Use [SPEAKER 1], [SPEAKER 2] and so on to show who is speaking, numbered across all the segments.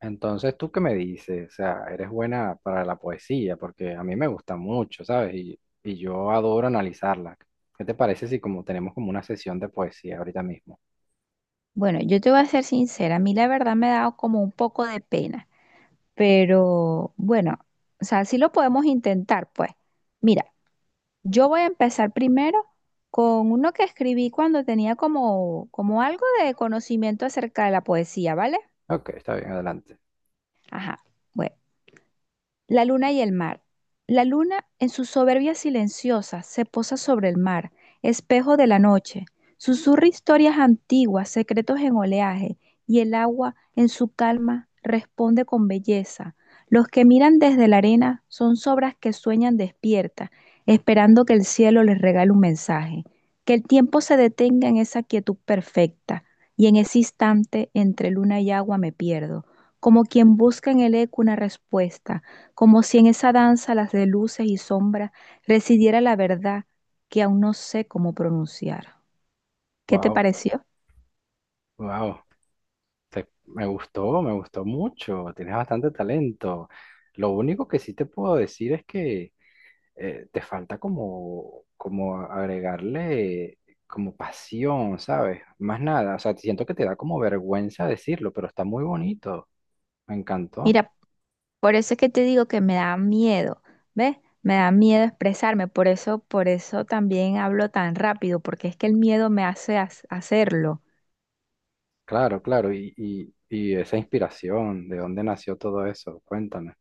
[SPEAKER 1] Entonces, ¿tú qué me dices? O sea, eres buena para la poesía, porque a mí me gusta mucho, ¿sabes? Y yo adoro analizarla. ¿Qué te parece si como tenemos como una sesión de poesía ahorita mismo?
[SPEAKER 2] Bueno, yo te voy a ser sincera, a mí la verdad me ha dado como un poco de pena, pero bueno, o sea, sí lo podemos intentar, pues. Mira, yo voy a empezar primero con uno que escribí cuando tenía como algo de conocimiento acerca de la poesía, ¿vale?
[SPEAKER 1] Ok, está bien, adelante.
[SPEAKER 2] Ajá. Bueno. La luna y el mar. La luna, en su soberbia silenciosa, se posa sobre el mar, espejo de la noche. Susurra historias antiguas, secretos en oleaje, y el agua, en su calma, responde con belleza. Los que miran desde la arena son sobras que sueñan despiertas, esperando que el cielo les regale un mensaje, que el tiempo se detenga en esa quietud perfecta, y en ese instante entre luna y agua me pierdo, como quien busca en el eco una respuesta, como si en esa danza, las de luces y sombras, residiera la verdad que aún no sé cómo pronunciar. ¿Qué te
[SPEAKER 1] Wow,
[SPEAKER 2] pareció?
[SPEAKER 1] wow, me gustó mucho. Tienes bastante talento. Lo único que sí te puedo decir es que te falta como, como agregarle como pasión, ¿sabes? Más nada. O sea, siento que te da como vergüenza decirlo, pero está muy bonito. Me encantó.
[SPEAKER 2] Mira, por eso es que te digo que me da miedo, ¿ves? Me da miedo expresarme, por eso también hablo tan rápido, porque es que el miedo me hace hacerlo.
[SPEAKER 1] Claro, claro. Y esa inspiración, ¿de dónde nació todo eso? Cuéntame.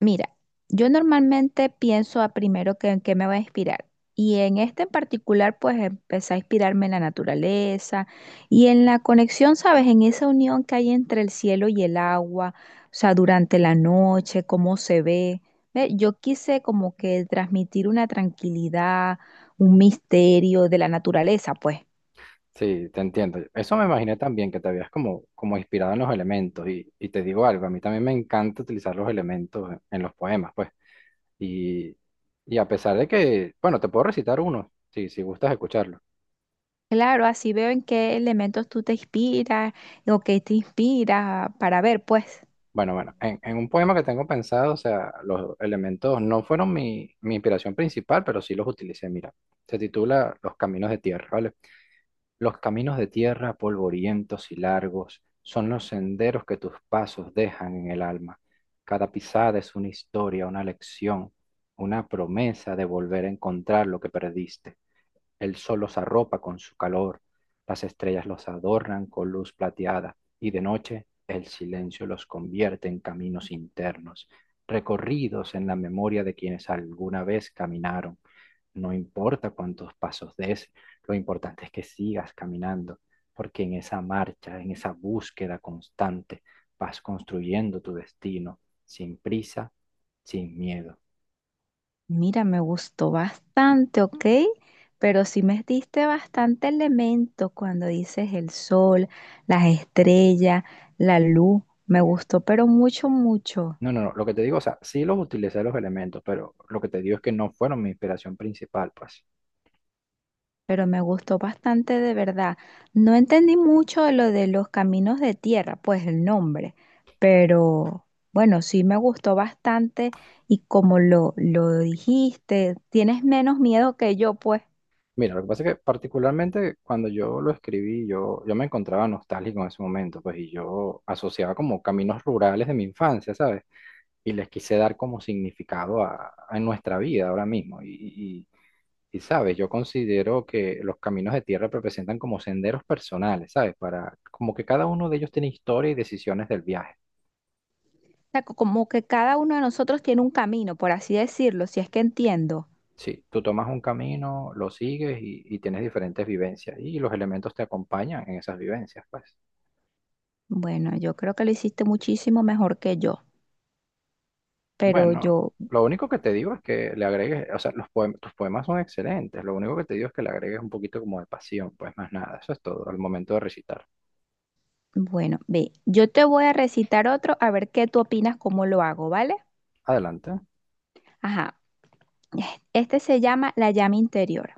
[SPEAKER 2] Mira, yo normalmente pienso a primero que en qué me va a inspirar. Y en este en particular, pues empecé a inspirarme en la naturaleza y en la conexión, ¿sabes? En esa unión que hay entre el cielo y el agua, o sea, durante la noche, cómo se ve. Ve, yo quise como que transmitir una tranquilidad, un misterio de la naturaleza, pues.
[SPEAKER 1] Sí, te entiendo. Eso me imaginé también, que te habías como, como inspirado en los elementos. Y te digo algo, a mí también me encanta utilizar los elementos en los poemas, pues. Y, y a pesar de que, bueno, te puedo recitar uno, si gustas escucharlo.
[SPEAKER 2] Claro, así veo en qué elementos tú te inspiras o qué te inspira para ver, pues.
[SPEAKER 1] Bueno, bueno, en un poema que tengo pensado, o sea, los elementos no fueron mi inspiración principal, pero sí los utilicé. Mira, se titula Los Caminos de Tierra, ¿vale? Los caminos de tierra polvorientos y largos son los senderos que tus pasos dejan en el alma. Cada pisada es una historia, una lección, una promesa de volver a encontrar lo que perdiste. El sol los arropa con su calor, las estrellas los adornan con luz plateada y de noche el silencio los convierte en caminos internos, recorridos en la memoria de quienes alguna vez caminaron. No importa cuántos pasos des, lo importante es que sigas caminando, porque en esa marcha, en esa búsqueda constante, vas construyendo tu destino sin prisa, sin miedo.
[SPEAKER 2] Mira, me gustó bastante, ¿ok? Pero sí me diste bastante elemento cuando dices el sol, las estrellas, la luz. Me gustó, pero mucho, mucho.
[SPEAKER 1] No, no, no, lo que te digo, o sea, sí los utilicé los elementos, pero lo que te digo es que no fueron mi inspiración principal, pues.
[SPEAKER 2] Pero me gustó bastante de verdad. No entendí mucho de lo de los caminos de tierra, pues el nombre. Pero bueno, sí me gustó bastante y como lo dijiste, tienes menos miedo que yo, pues.
[SPEAKER 1] Mira, lo que pasa es que particularmente cuando yo lo escribí, yo me encontraba nostálgico en ese momento, pues, y yo asociaba como caminos rurales de mi infancia, ¿sabes? Y les quise dar como significado a nuestra vida ahora mismo. Y sabes, yo considero que los caminos de tierra representan como senderos personales, ¿sabes? Para, como que cada uno de ellos tiene historia y decisiones del viaje.
[SPEAKER 2] Sea, como que cada uno de nosotros tiene un camino, por así decirlo, si es que entiendo.
[SPEAKER 1] Sí, tú tomas un camino, lo sigues y tienes diferentes vivencias y los elementos te acompañan en esas vivencias, pues.
[SPEAKER 2] Bueno, yo creo que lo hiciste muchísimo mejor que yo, pero
[SPEAKER 1] Bueno,
[SPEAKER 2] yo,
[SPEAKER 1] lo único que te digo es que le agregues, o sea, los tus poemas son excelentes, lo único que te digo es que le agregues un poquito como de pasión, pues más nada, eso es todo al momento de recitar.
[SPEAKER 2] bueno, ve, yo te voy a recitar otro a ver qué tú opinas cómo lo hago, ¿vale?
[SPEAKER 1] Adelante.
[SPEAKER 2] Ajá, este se llama La llama interior.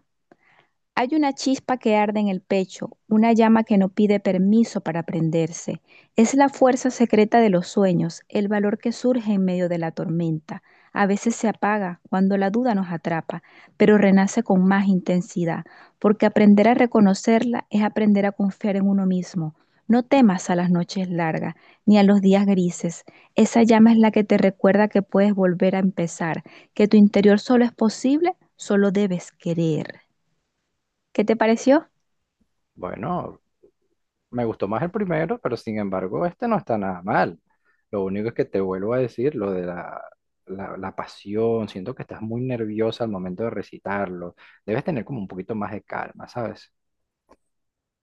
[SPEAKER 2] Hay una chispa que arde en el pecho, una llama que no pide permiso para prenderse. Es la fuerza secreta de los sueños, el valor que surge en medio de la tormenta. A veces se apaga cuando la duda nos atrapa, pero renace con más intensidad, porque aprender a reconocerla es aprender a confiar en uno mismo. No temas a las noches largas ni a los días grises. Esa llama es la que te recuerda que puedes volver a empezar, que tu interior solo es posible, solo debes querer. ¿Qué te pareció?
[SPEAKER 1] Bueno, me gustó más el primero, pero sin embargo, este no está nada mal. Lo único es que te vuelvo a decir lo de la pasión. Siento que estás muy nerviosa al momento de recitarlo. Debes tener como un poquito más de calma, ¿sabes?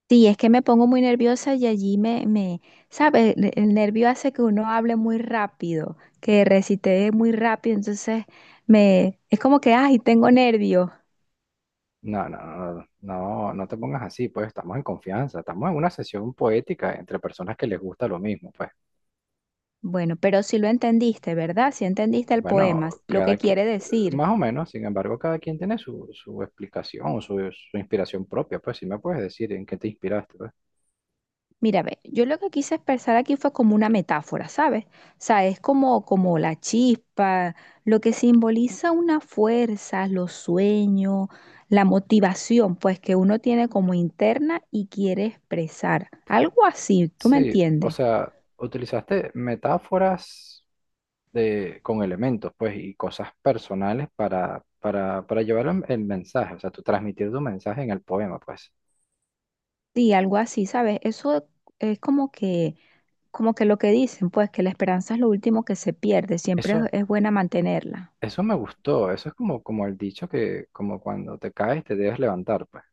[SPEAKER 2] Sí, es que me pongo muy nerviosa y allí ¿sabes? El nervio hace que uno hable muy rápido, que recite muy rápido, entonces me, es como que, ay, tengo nervio.
[SPEAKER 1] No, no, no, no, no te pongas así, pues estamos en confianza. Estamos en una sesión poética entre personas que les gusta lo mismo, pues.
[SPEAKER 2] Bueno, pero sí lo entendiste, ¿verdad? Sí entendiste el poema,
[SPEAKER 1] Bueno,
[SPEAKER 2] lo
[SPEAKER 1] cada
[SPEAKER 2] que
[SPEAKER 1] quien,
[SPEAKER 2] quiere decir.
[SPEAKER 1] más o menos, sin embargo, cada quien tiene su explicación, su inspiración propia, pues si me puedes decir en qué te inspiraste, pues.
[SPEAKER 2] Mira, ve, yo lo que quise expresar aquí fue como una metáfora, ¿sabes? O sea, es como la chispa, lo que simboliza una fuerza, los sueños, la motivación, pues que uno tiene como interna y quiere expresar. Algo así, ¿tú me
[SPEAKER 1] Sí, o
[SPEAKER 2] entiendes?
[SPEAKER 1] sea, utilizaste metáforas de, con elementos, pues, y cosas personales para llevar el mensaje, o sea, tú transmitir tu mensaje en el poema, pues.
[SPEAKER 2] Sí, algo así, ¿sabes? Eso es como que lo que dicen, pues que la esperanza es lo último que se pierde, siempre es
[SPEAKER 1] Eso,
[SPEAKER 2] es buena mantenerla.
[SPEAKER 1] eso me gustó, eso es como, como el dicho que, como cuando te caes te debes levantar, pues,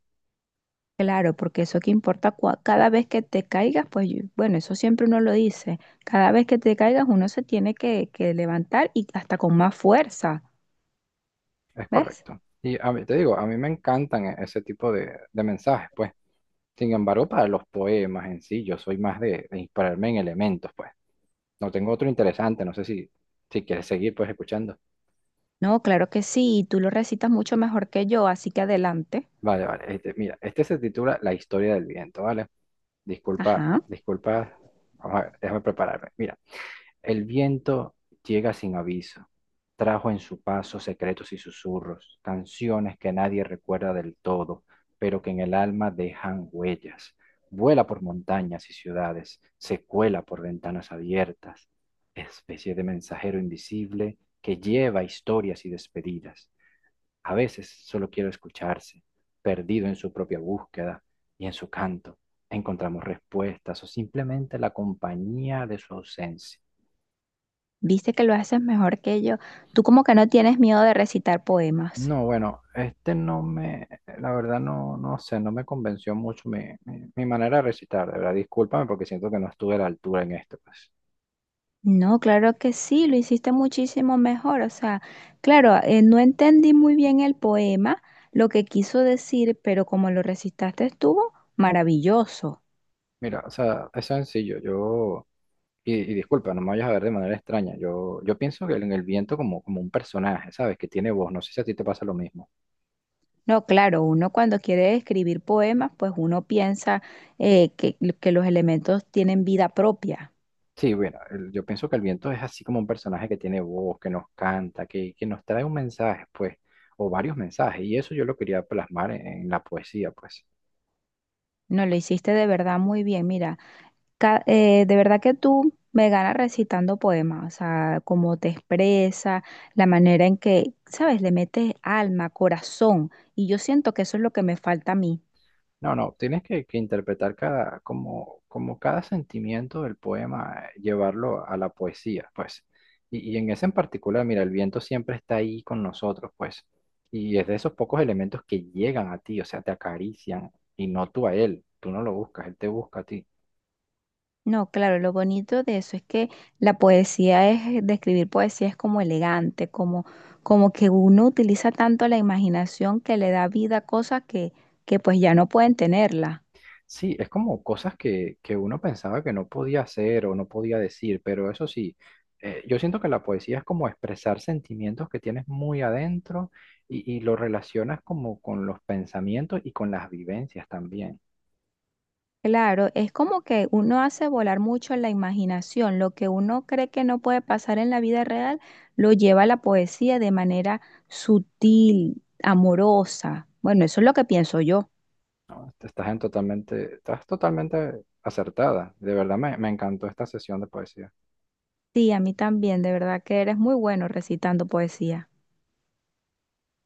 [SPEAKER 2] Claro, porque eso que importa, cada vez que te caigas, pues bueno, eso siempre uno lo dice, cada vez que te caigas uno se tiene que levantar y hasta con más fuerza,
[SPEAKER 1] es
[SPEAKER 2] ¿ves?
[SPEAKER 1] correcto. Y a mí, te digo, a mí me encantan ese tipo de mensajes, pues. Sin embargo, para los poemas en sí, yo soy más de inspirarme en elementos, pues. No tengo otro interesante, no sé si, si quieres seguir, pues, escuchando.
[SPEAKER 2] No, claro que sí, y tú lo recitas mucho mejor que yo, así que adelante.
[SPEAKER 1] Vale, vale. Este, mira, este se titula La historia del viento, ¿vale? Disculpa,
[SPEAKER 2] Ajá,
[SPEAKER 1] disculpa. Vamos a ver, déjame prepararme. Mira, el viento llega sin aviso. Trajo en su paso secretos y susurros, canciones que nadie recuerda del todo, pero que en el alma dejan huellas. Vuela por montañas y ciudades, se cuela por ventanas abiertas, especie de mensajero invisible que lleva historias y despedidas. A veces solo quiero escucharse, perdido en su propia búsqueda y en su canto. Encontramos respuestas o simplemente la compañía de su ausencia.
[SPEAKER 2] viste que lo haces mejor que yo. Tú como que no tienes miedo de recitar poemas.
[SPEAKER 1] No, bueno, este no me, la verdad no, no sé, no me convenció mucho mi, mi manera de recitar, de verdad, discúlpame porque siento que no estuve a la altura en esto, pues.
[SPEAKER 2] No, claro que sí, lo hiciste muchísimo mejor. O sea, claro, no entendí muy bien el poema, lo que quiso decir, pero como lo recitaste estuvo maravilloso.
[SPEAKER 1] Mira, o sea, es sencillo, y disculpa, no me vayas a ver de manera extraña, yo pienso que en el viento como, como un personaje, ¿sabes? Que tiene voz, no sé si a ti te pasa lo mismo.
[SPEAKER 2] No, claro, uno cuando quiere escribir poemas, pues uno piensa que los elementos tienen vida propia.
[SPEAKER 1] Sí, bueno, yo pienso que el viento es así como un personaje que tiene voz, que nos canta, que nos trae un mensaje, pues, o varios mensajes, y eso yo lo quería plasmar en la poesía, pues.
[SPEAKER 2] No, lo hiciste de verdad muy bien, mira. De verdad que tú me ganas recitando poemas, o sea, cómo te expresa, la manera en que, ¿sabes? Le metes alma, corazón, y yo siento que eso es lo que me falta a mí.
[SPEAKER 1] No, no, tienes que interpretar cada, como, como cada sentimiento del poema, llevarlo a la poesía, pues. Y en ese en particular, mira, el viento siempre está ahí con nosotros, pues. Y es de esos pocos elementos que llegan a ti, o sea, te acarician, y no tú a él, tú no lo buscas, él te busca a ti.
[SPEAKER 2] No, claro, lo bonito de eso es que la poesía es, de escribir poesía es como elegante, como, como que uno utiliza tanto la imaginación que le da vida a cosas que pues ya no pueden tenerla.
[SPEAKER 1] Sí, es como cosas que uno pensaba que no podía hacer o no podía decir, pero eso sí, yo siento que la poesía es como expresar sentimientos que tienes muy adentro y lo relacionas como con los pensamientos y con las vivencias también,
[SPEAKER 2] Claro, es como que uno hace volar mucho la imaginación, lo que uno cree que no puede pasar en la vida real, lo lleva a la poesía de manera sutil, amorosa. Bueno, eso es lo que pienso yo.
[SPEAKER 1] ¿no? Estás en totalmente, estás totalmente acertada. De verdad me, me encantó esta sesión de poesía.
[SPEAKER 2] Sí, a mí también, de verdad que eres muy bueno recitando poesía.